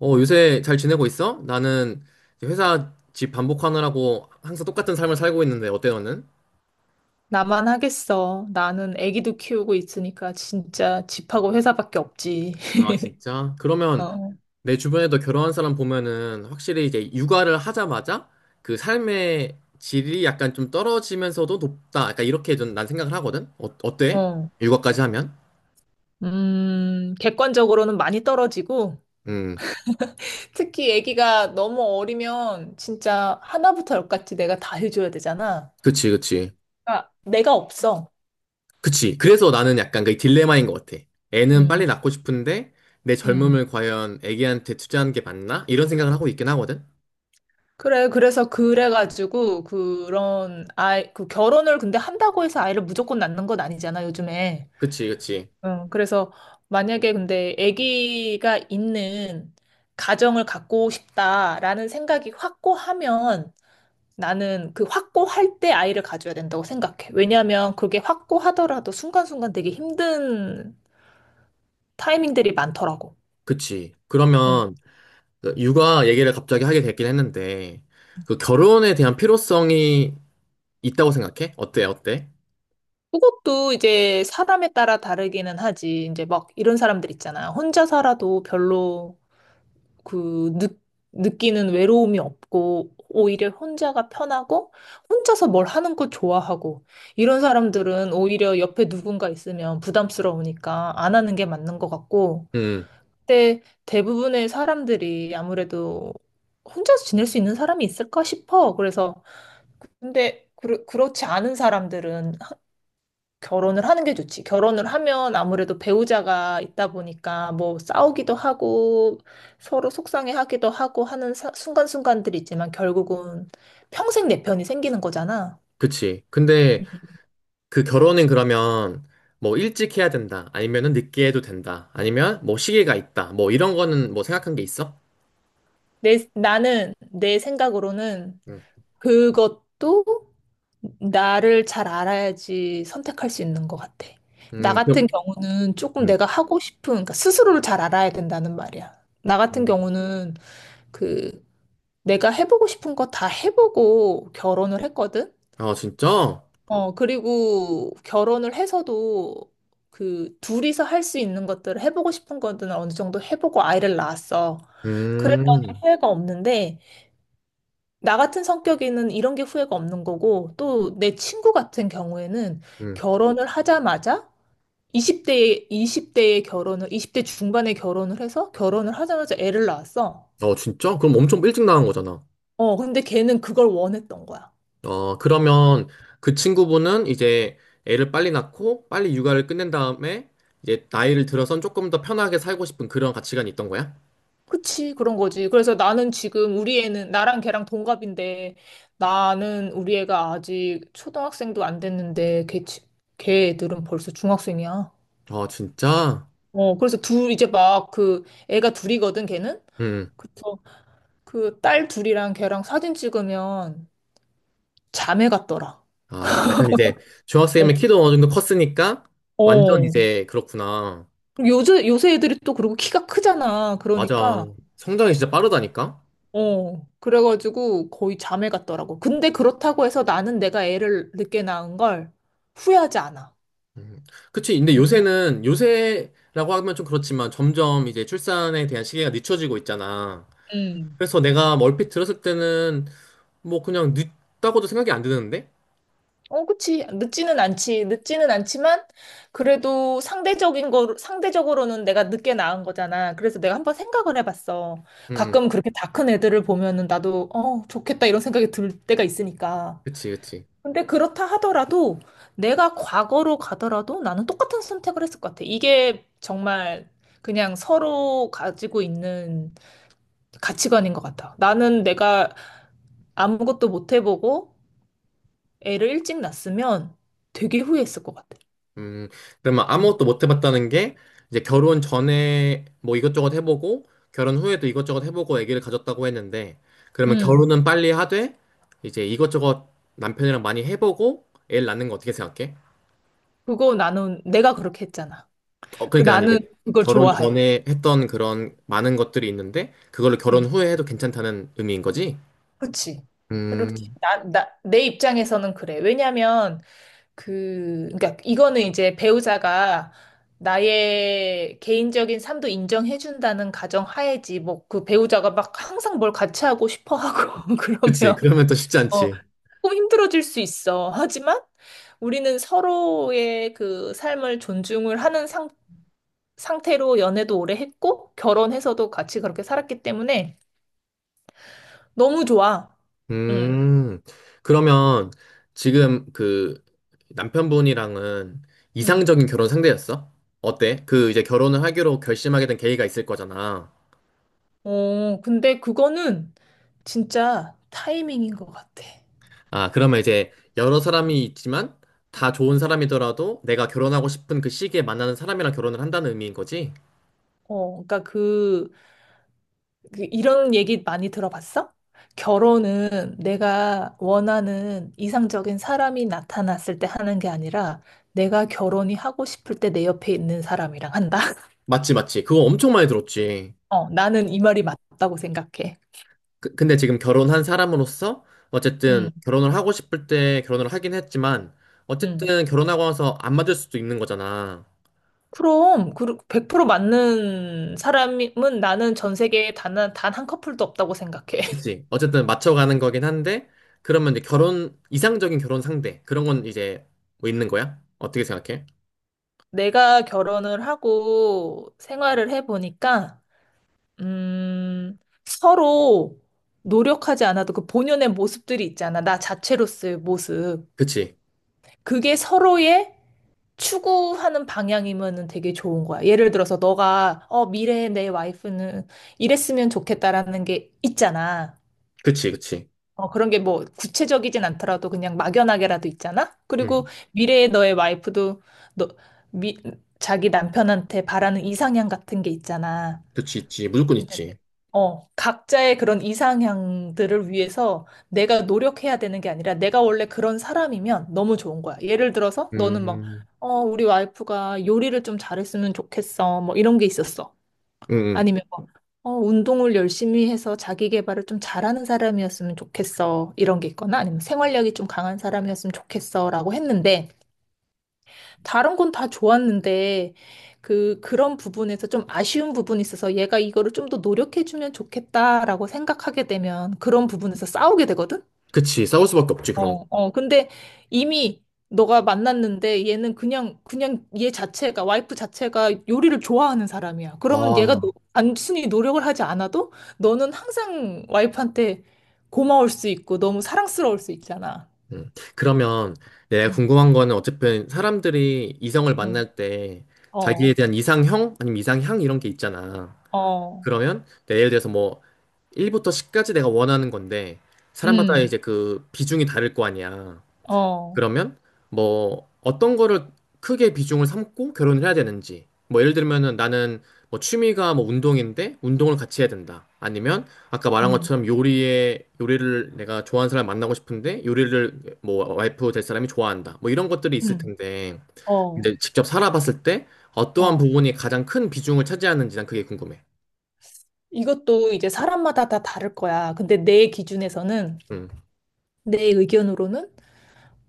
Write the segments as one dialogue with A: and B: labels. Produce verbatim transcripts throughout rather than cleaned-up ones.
A: 어, 요새 잘 지내고 있어? 나는 이제 회사 집 반복하느라고 항상 똑같은 삶을 살고 있는데 어때 너는?
B: 나만 하겠어. 나는 아기도 키우고 있으니까 진짜 집하고 회사밖에 없지.
A: 아, 진짜? 그러면
B: 어,
A: 내 주변에도 결혼한 사람 보면은 확실히 이제 육아를 하자마자 그 삶의 질이 약간 좀 떨어지면서도 높다. 약간 이렇게 좀 난 생각을 하거든? 어,
B: 어,
A: 어때?
B: 어.
A: 육아까지 하면?
B: 음, 객관적으로는 많이 떨어지고,
A: 음,
B: 특히 아기가 너무 어리면 진짜 하나부터 열까지 내가 다 해줘야 되잖아.
A: 그치, 그치.
B: 그러니까 내가 없어.
A: 그치. 그래서 나는 약간 그 딜레마인 것 같아. 애는 빨리
B: 음,
A: 낳고 싶은데 내
B: 음.
A: 젊음을 과연 애기한테 투자하는 게 맞나? 이런 생각을 하고 있긴 하거든?
B: 그래, 그래서 그래가지고, 그런, 아이, 그 결혼을 근데 한다고 해서 아이를 무조건 낳는 건 아니잖아, 요즘에.
A: 그치, 그치,
B: 응, 그래서 만약에 근데 아기가 있는 가정을 갖고 싶다라는 생각이 확고하면 나는 그 확고할 때 아이를 가져야 된다고 생각해. 왜냐하면 그게 확고하더라도 순간순간 되게 힘든 타이밍들이 많더라고.
A: 그치.
B: 응.
A: 그러면 그 육아 얘기를 갑자기 하게 됐긴 했는데, 그 결혼에 대한 필요성이 있다고 생각해? 어때, 어때?
B: 그것도 이제 사람에 따라 다르기는 하지. 이제 막 이런 사람들 있잖아. 혼자 살아도 별로 그 느, 느끼는 외로움이 없고 오히려 혼자가 편하고 혼자서 뭘 하는 거 좋아하고 이런 사람들은 오히려 옆에 누군가 있으면 부담스러우니까 안 하는 게 맞는 것 같고
A: 음,
B: 근데 대부분의 사람들이 아무래도 혼자서 지낼 수 있는 사람이 있을까 싶어. 그래서 근데 그, 그렇지 않은 사람들은 결혼을 하는 게 좋지. 결혼을 하면 아무래도 배우자가 있다 보니까 뭐 싸우기도 하고 서로 속상해하기도 하고 하는 사- 순간순간들이 있지만 결국은 평생 내 편이 생기는 거잖아.
A: 그치. 근데 그 결혼은 그러면 뭐 일찍 해야 된다, 아니면은 늦게 해도 된다, 아니면 뭐 시기가 있다, 뭐 이런 거는 뭐 생각한 게 있어?
B: 내, 나는 내 생각으로는
A: 음,
B: 그것도 나를 잘 알아야지 선택할 수 있는 것 같아. 나
A: 음,
B: 같은
A: 그럼,
B: 경우는 조금
A: 음,
B: 내가 하고 싶은, 그러니까 스스로를 잘 알아야 된다는 말이야. 나 같은
A: 음.
B: 경우는 그 내가 해보고 싶은 거 다 해보고 결혼을 했거든?
A: 아, 진짜?
B: 어, 그리고 결혼을 해서도 그 둘이서 할 수 있는 것들을 해보고 싶은 것들은 어느 정도 해보고 아이를 낳았어. 그랬더니
A: 음,
B: 후회가 없는데, 나 같은 성격에는 이런 게 후회가 없는 거고, 또 내 친구 같은 경우에는
A: 음.
B: 결혼을 하자마자 이십 대에, 이십 대에 결혼을, 이십 대 중반에 결혼을 해서 결혼을 하자마자 애를 낳았어.
A: 어, 진짜? 그럼 엄청 일찍 나간 거잖아.
B: 어, 근데 걔는 그걸 원했던 거야.
A: 어, 그러면 그 친구분은 이제 애를 빨리 낳고 빨리 육아를 끝낸 다음에 이제 나이를 들어선 조금 더 편하게 살고 싶은 그런 가치관이 있던 거야?
B: 그치, 그런 거지. 그래서 나는 지금 우리 애는, 나랑 걔랑 동갑인데, 나는 우리 애가 아직 초등학생도 안 됐는데, 걔, 지- 걔 애들은 벌써 중학생이야.
A: 어, 진짜?
B: 어, 그래서 둘, 이제 막 그, 애가 둘이거든, 걔는?
A: 음.
B: 그래서 그 딸 둘이랑 걔랑 사진 찍으면 자매 같더라.
A: 아, 약간 이제 중학생이면
B: 어,
A: 키도 어느 정도 컸으니까 완전
B: 어.
A: 이제 그렇구나.
B: 요새, 요새 애들이 또 그리고 키가 크잖아.
A: 맞아.
B: 그러니까.
A: 성장이 진짜 빠르다니까?
B: 어, 그래가지고 거의 잠에 갔더라고. 근데 그렇다고 해서 나는 내가 애를 늦게 낳은 걸 후회하지 않아.
A: 음. 그치. 근데
B: 응,
A: 요새는, 요새라고 하면 좀 그렇지만 점점 이제 출산에 대한 시기가 늦춰지고 있잖아.
B: 응.
A: 그래서 내가 멀핏 들었을 때는 뭐 그냥 늦다고도 생각이 안 드는데?
B: 어, 그치. 늦지는 않지. 늦지는 않지만, 그래도 상대적인 거, 상대적으로는 내가 늦게 낳은 거잖아. 그래서 내가 한번 생각을 해봤어.
A: 음, 음.
B: 가끔 그렇게 다 큰 애들을 보면은 나도, 어, 좋겠다 이런 생각이 들 때가 있으니까.
A: 그치, 그치.
B: 근데 그렇다 하더라도 내가 과거로 가더라도 나는 똑같은 선택을 했을 것 같아. 이게 정말 그냥 서로 가지고 있는 가치관인 것 같아. 나는 내가 아무것도 못 해보고 애를 일찍 낳았으면 되게 후회했을 것 같아.
A: 음, 그러면
B: 응.
A: 아무것도 못 해봤다는 게, 이제 결혼 전에 뭐 이것저것 해보고, 결혼 후에도 이것저것 해보고 아기를 가졌다고 했는데, 그러면
B: 응.
A: 결혼은 빨리 하되, 이제 이것저것 남편이랑 많이 해보고, 애를 낳는 거 어떻게 생각해?
B: 그거 나는 내가 그렇게 했잖아.
A: 어,
B: 그
A: 그러니까 난
B: 나는
A: 이제
B: 그걸
A: 결혼
B: 좋아해.
A: 전에 했던 그런 많은 것들이 있는데, 그걸로 결혼
B: 응.
A: 후에 해도 괜찮다는 의미인 거지?
B: 그지, 그렇지.
A: 음,
B: 나, 나, 내 입장에서는 그래. 왜냐면, 그, 그러니까 이거는 이제 배우자가 나의 개인적인 삶도 인정해준다는 가정 하에지, 뭐, 그 배우자가 막 항상 뭘 같이 하고 싶어 하고,
A: 그치.
B: 그러면,
A: 그러면 또 쉽지
B: 어,
A: 않지.
B: 조금 힘들어질 수 있어. 하지만 우리는 서로의 그 삶을 존중을 하는 상, 상태로 연애도 오래 했고, 결혼해서도 같이 그렇게 살았기 때문에 너무 좋아. 음,
A: 음, 그러면 지금 그 남편분이랑은
B: 음.
A: 이상적인 결혼 상대였어? 어때? 그 이제 결혼을 하기로 결심하게 된 계기가 있을 거잖아.
B: 어, 근데 그거는 진짜 타이밍인 것 같아.
A: 아, 그러면 이제 여러 사람이 있지만 다 좋은 사람이더라도 내가 결혼하고 싶은 그 시기에 만나는 사람이랑 결혼을 한다는 의미인 거지?
B: 어, 그러니까 그, 그 이런 얘기 많이 들어봤어? 결혼은 내가 원하는 이상적인 사람이 나타났을 때 하는 게 아니라 내가 결혼이 하고 싶을 때 내 옆에 있는 사람이랑 한다.
A: 맞지, 맞지. 그거 엄청 많이 들었지.
B: 어, 나는 이 말이 맞다고 생각해.
A: 그- 근데 지금 결혼한 사람으로서 어쨌든
B: 음,
A: 결혼을 하고 싶을 때 결혼을 하긴 했지만
B: 음.
A: 어쨌든 결혼하고 나서 안 맞을 수도 있는 거잖아.
B: 그럼, 그, 백 퍼센트 맞는 사람은 나는 전 세계에 단, 단한 커플도 없다고 생각해.
A: 그치. 어쨌든 맞춰가는 거긴 한데, 그러면 이제 결혼, 이상적인 결혼 상대, 그런 건 이제 뭐 있는 거야? 어떻게 생각해?
B: 내가 결혼을 하고 생활을 해보니까, 음, 서로 노력하지 않아도 그 본연의 모습들이 있잖아. 나 자체로서의 모습.
A: 그치.
B: 그게 서로의 추구하는 방향이면은 되게 좋은 거야. 예를 들어서 너가, 어, 미래의 내 와이프는 이랬으면 좋겠다라는 게 있잖아.
A: 그치, 그치.
B: 어, 그런 게 뭐 구체적이진 않더라도 그냥 막연하게라도 있잖아? 그리고
A: 응.
B: 미래의 너의 와이프도 너, 미, 자기 남편한테 바라는 이상향 같은 게 있잖아.
A: 그치, 있지. 무조건
B: 네.
A: 있지.
B: 어, 각자의 그런 이상향들을 위해서 내가 노력해야 되는 게 아니라 내가 원래 그런 사람이면 너무 좋은 거야. 예를 들어서 너는 막,
A: 음,
B: 어, 우리 와이프가 요리를 좀 잘했으면 좋겠어. 뭐 이런 게 있었어.
A: 응, 응.
B: 아니면 어, 운동을 열심히 해서 자기 개발을 좀 잘하는 사람이었으면 좋겠어. 이런 게 있거나 아니면 생활력이 좀 강한 사람이었으면 좋겠어. 라고 했는데, 다른 건 다 좋았는데, 그, 그런 부분에서 좀 아쉬운 부분이 있어서 얘가 이거를 좀 더 노력해주면 좋겠다라고 생각하게 되면 그런 부분에서 싸우게 되거든?
A: 그치. 싸울 수밖에 없지, 그런 거.
B: 어, 어. 근데 이미 너가 만났는데 얘는 그냥, 그냥 얘 자체가, 와이프 자체가 요리를 좋아하는 사람이야. 그러면 얘가 노-
A: 아,
B: 단순히 노력을 하지 않아도 너는 항상 와이프한테 고마울 수 있고 너무 사랑스러울 수 있잖아.
A: 음. 그러면 내가
B: 응,
A: 궁금한 거는 어쨌든 사람들이 이성을
B: 응,
A: 만날 때 자기에
B: 어,
A: 대한 이상형? 아니면 이상향? 이런 게 있잖아.
B: 어,
A: 그러면 내 예를 들어서 뭐 일부터 십까지 내가 원하는 건데, 사람마다
B: 음,
A: 이제 그 비중이 다를 거 아니야.
B: 어,
A: 그러면 뭐 어떤 거를 크게 비중을 삼고 결혼을 해야 되는지 뭐 예를 들면은 나는 뭐 취미가 뭐 운동인데 운동을 같이 해야 된다 아니면 아까 말한
B: 음,
A: 것처럼 요리에 요리를 내가 좋아하는 사람 만나고 싶은데 요리를 뭐 와이프 될 사람이 좋아한다 뭐 이런 것들이 있을
B: 음,
A: 텐데
B: 어,
A: 이제 직접 살아봤을 때 어떠한
B: 어.
A: 부분이 가장 큰 비중을 차지하는지 난 그게 궁금해.
B: 이것도 이제 사람마다 다 다를 거야. 근데 내 기준에서는,
A: 음.
B: 내 의견으로는,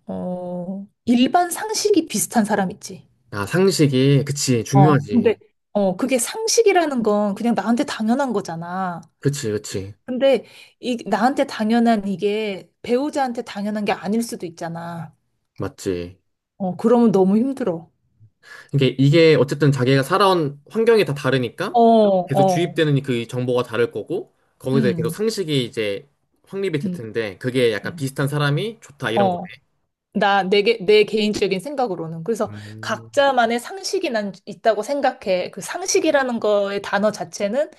B: 어, 일반 상식이 비슷한 사람 있지.
A: 아 상식이 그치
B: 어, 근데,
A: 중요하지.
B: 어, 그게 상식이라는 건 그냥 나한테 당연한 거잖아.
A: 그치 그치
B: 근데 이, 나한테 당연한 이게 배우자한테 당연한 게 아닐 수도 있잖아.
A: 맞지.
B: 어, 그러면 너무 힘들어.
A: 이게, 이게 어쨌든 자기가 살아온 환경이 다 다르니까
B: 어,
A: 계속
B: 어,
A: 주입되는 그 정보가 다를 거고 거기서 계속
B: 음,
A: 상식이 이제 확립이 될
B: 음,
A: 텐데 그게 약간
B: 음.
A: 비슷한 사람이 좋다 이런 거네.
B: 어. 나, 내, 개- 내 개인적인 생각으로는. 그래서
A: 음,
B: 각자만의 상식이 난 있다고 생각해. 그 상식이라는 거의 단어 자체는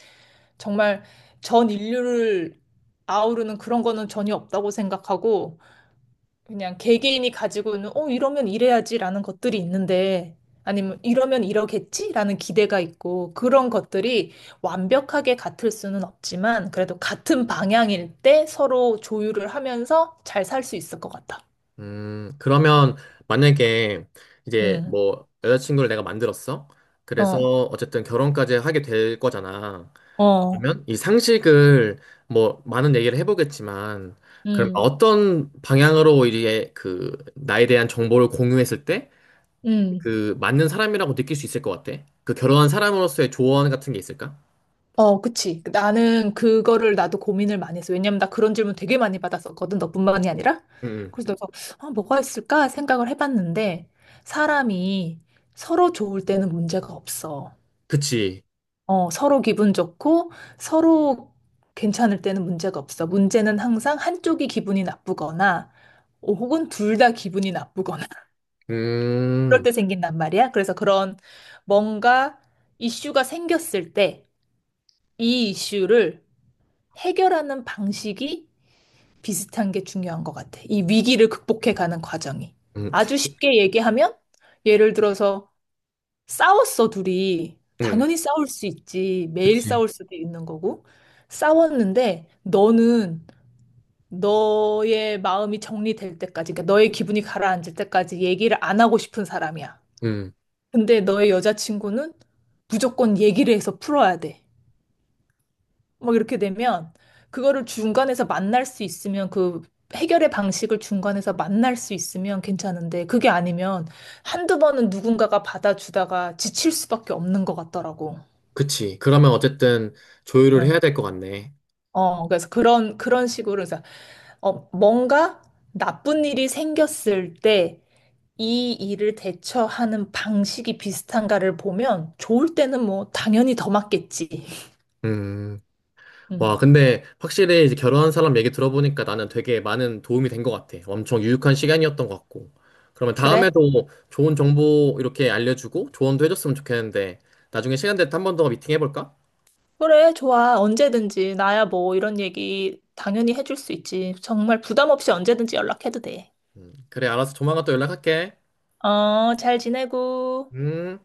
B: 정말 전 인류를 아우르는 그런 거는 전혀 없다고 생각하고, 그냥 개개인이 가지고 있는, 어, 이러면 이래야지라는 것들이 있는데, 아니면 이러면 이러겠지라는 기대가 있고, 그런 것들이 완벽하게 같을 수는 없지만, 그래도 같은 방향일 때 서로 조율을 하면서 잘 살 수 있을 것 같아.
A: 음, 그러면 만약에 이제
B: 음,
A: 뭐 여자친구를 내가 만들었어. 그래서
B: 어,
A: 어쨌든 결혼까지 하게 될 거잖아.
B: 어,
A: 그러면 이 상식을 뭐 많은 얘기를 해보겠지만 그럼
B: 음,
A: 어떤 방향으로 이제 그 나에 대한 정보를 공유했을 때
B: 음.
A: 그 맞는 사람이라고 느낄 수 있을 것 같아? 그 결혼한 사람으로서의 조언 같은 게 있을까?
B: 어, 그치. 나는 그거를 나도 고민을 많이 했어. 왜냐면 나 그런 질문 되게 많이 받았었거든. 너뿐만이 아니라.
A: 응, 응.
B: 그래서 내가, 아, 뭐가 있을까 생각을 해봤는데, 사람이 서로 좋을 때는 문제가 없어.
A: 그치.
B: 어, 서로 기분 좋고, 서로 괜찮을 때는 문제가 없어. 문제는 항상 한쪽이 기분이 나쁘거나, 어, 혹은 둘 다 기분이 나쁘거나, 그럴
A: 음,
B: 때 생긴단 말이야. 그래서 그런 뭔가 이슈가 생겼을 때, 이 이슈를 해결하는 방식이 비슷한 게 중요한 것 같아. 이 위기를 극복해 가는 과정이.
A: 음,
B: 아주 쉽게 얘기하면, 예를 들어서 싸웠어, 둘이.
A: 음,
B: 당연히 싸울 수 있지. 매일
A: 그치.
B: 싸울 수도 있는 거고. 싸웠는데, 너는 너의 마음이 정리될 때까지, 그러니까 너의 기분이 가라앉을 때까지 얘기를 안 하고 싶은 사람이야.
A: 음,
B: 근데 너의 여자친구는 무조건 얘기를 해서 풀어야 돼. 막 이렇게 되면 그거를 중간에서 만날 수 있으면 그 해결의 방식을 중간에서 만날 수 있으면 괜찮은데 그게 아니면 한두 번은 누군가가 받아주다가 지칠 수밖에 없는 것 같더라고.
A: 그치. 그러면 어쨌든 조율을 해야
B: 어,
A: 될 것 같네.
B: 어, 그래서 그런 그런 식으로 그래서 어, 뭔가 나쁜 일이 생겼을 때 이 일을 대처하는 방식이 비슷한가를 보면 좋을 때는 뭐 당연히 더 맞겠지.
A: 음, 와,
B: 음.
A: 근데 확실히 이제 결혼한 사람 얘기 들어보니까 나는 되게 많은 도움이 된 것 같아. 엄청 유익한 시간이었던 것 같고. 그러면
B: 그래?
A: 다음에도 좋은 정보 이렇게 알려주고 조언도 해줬으면 좋겠는데 나중에 시간 될 때 한 번 더 미팅 해볼까?
B: 그래, 좋아. 언제든지. 나야 뭐 이런 얘기 당연히 해줄 수 있지. 정말 부담 없이 언제든지 연락해도 돼.
A: 음, 그래, 알았어. 조만간 또 연락할게.
B: 어, 잘 지내고.
A: 음.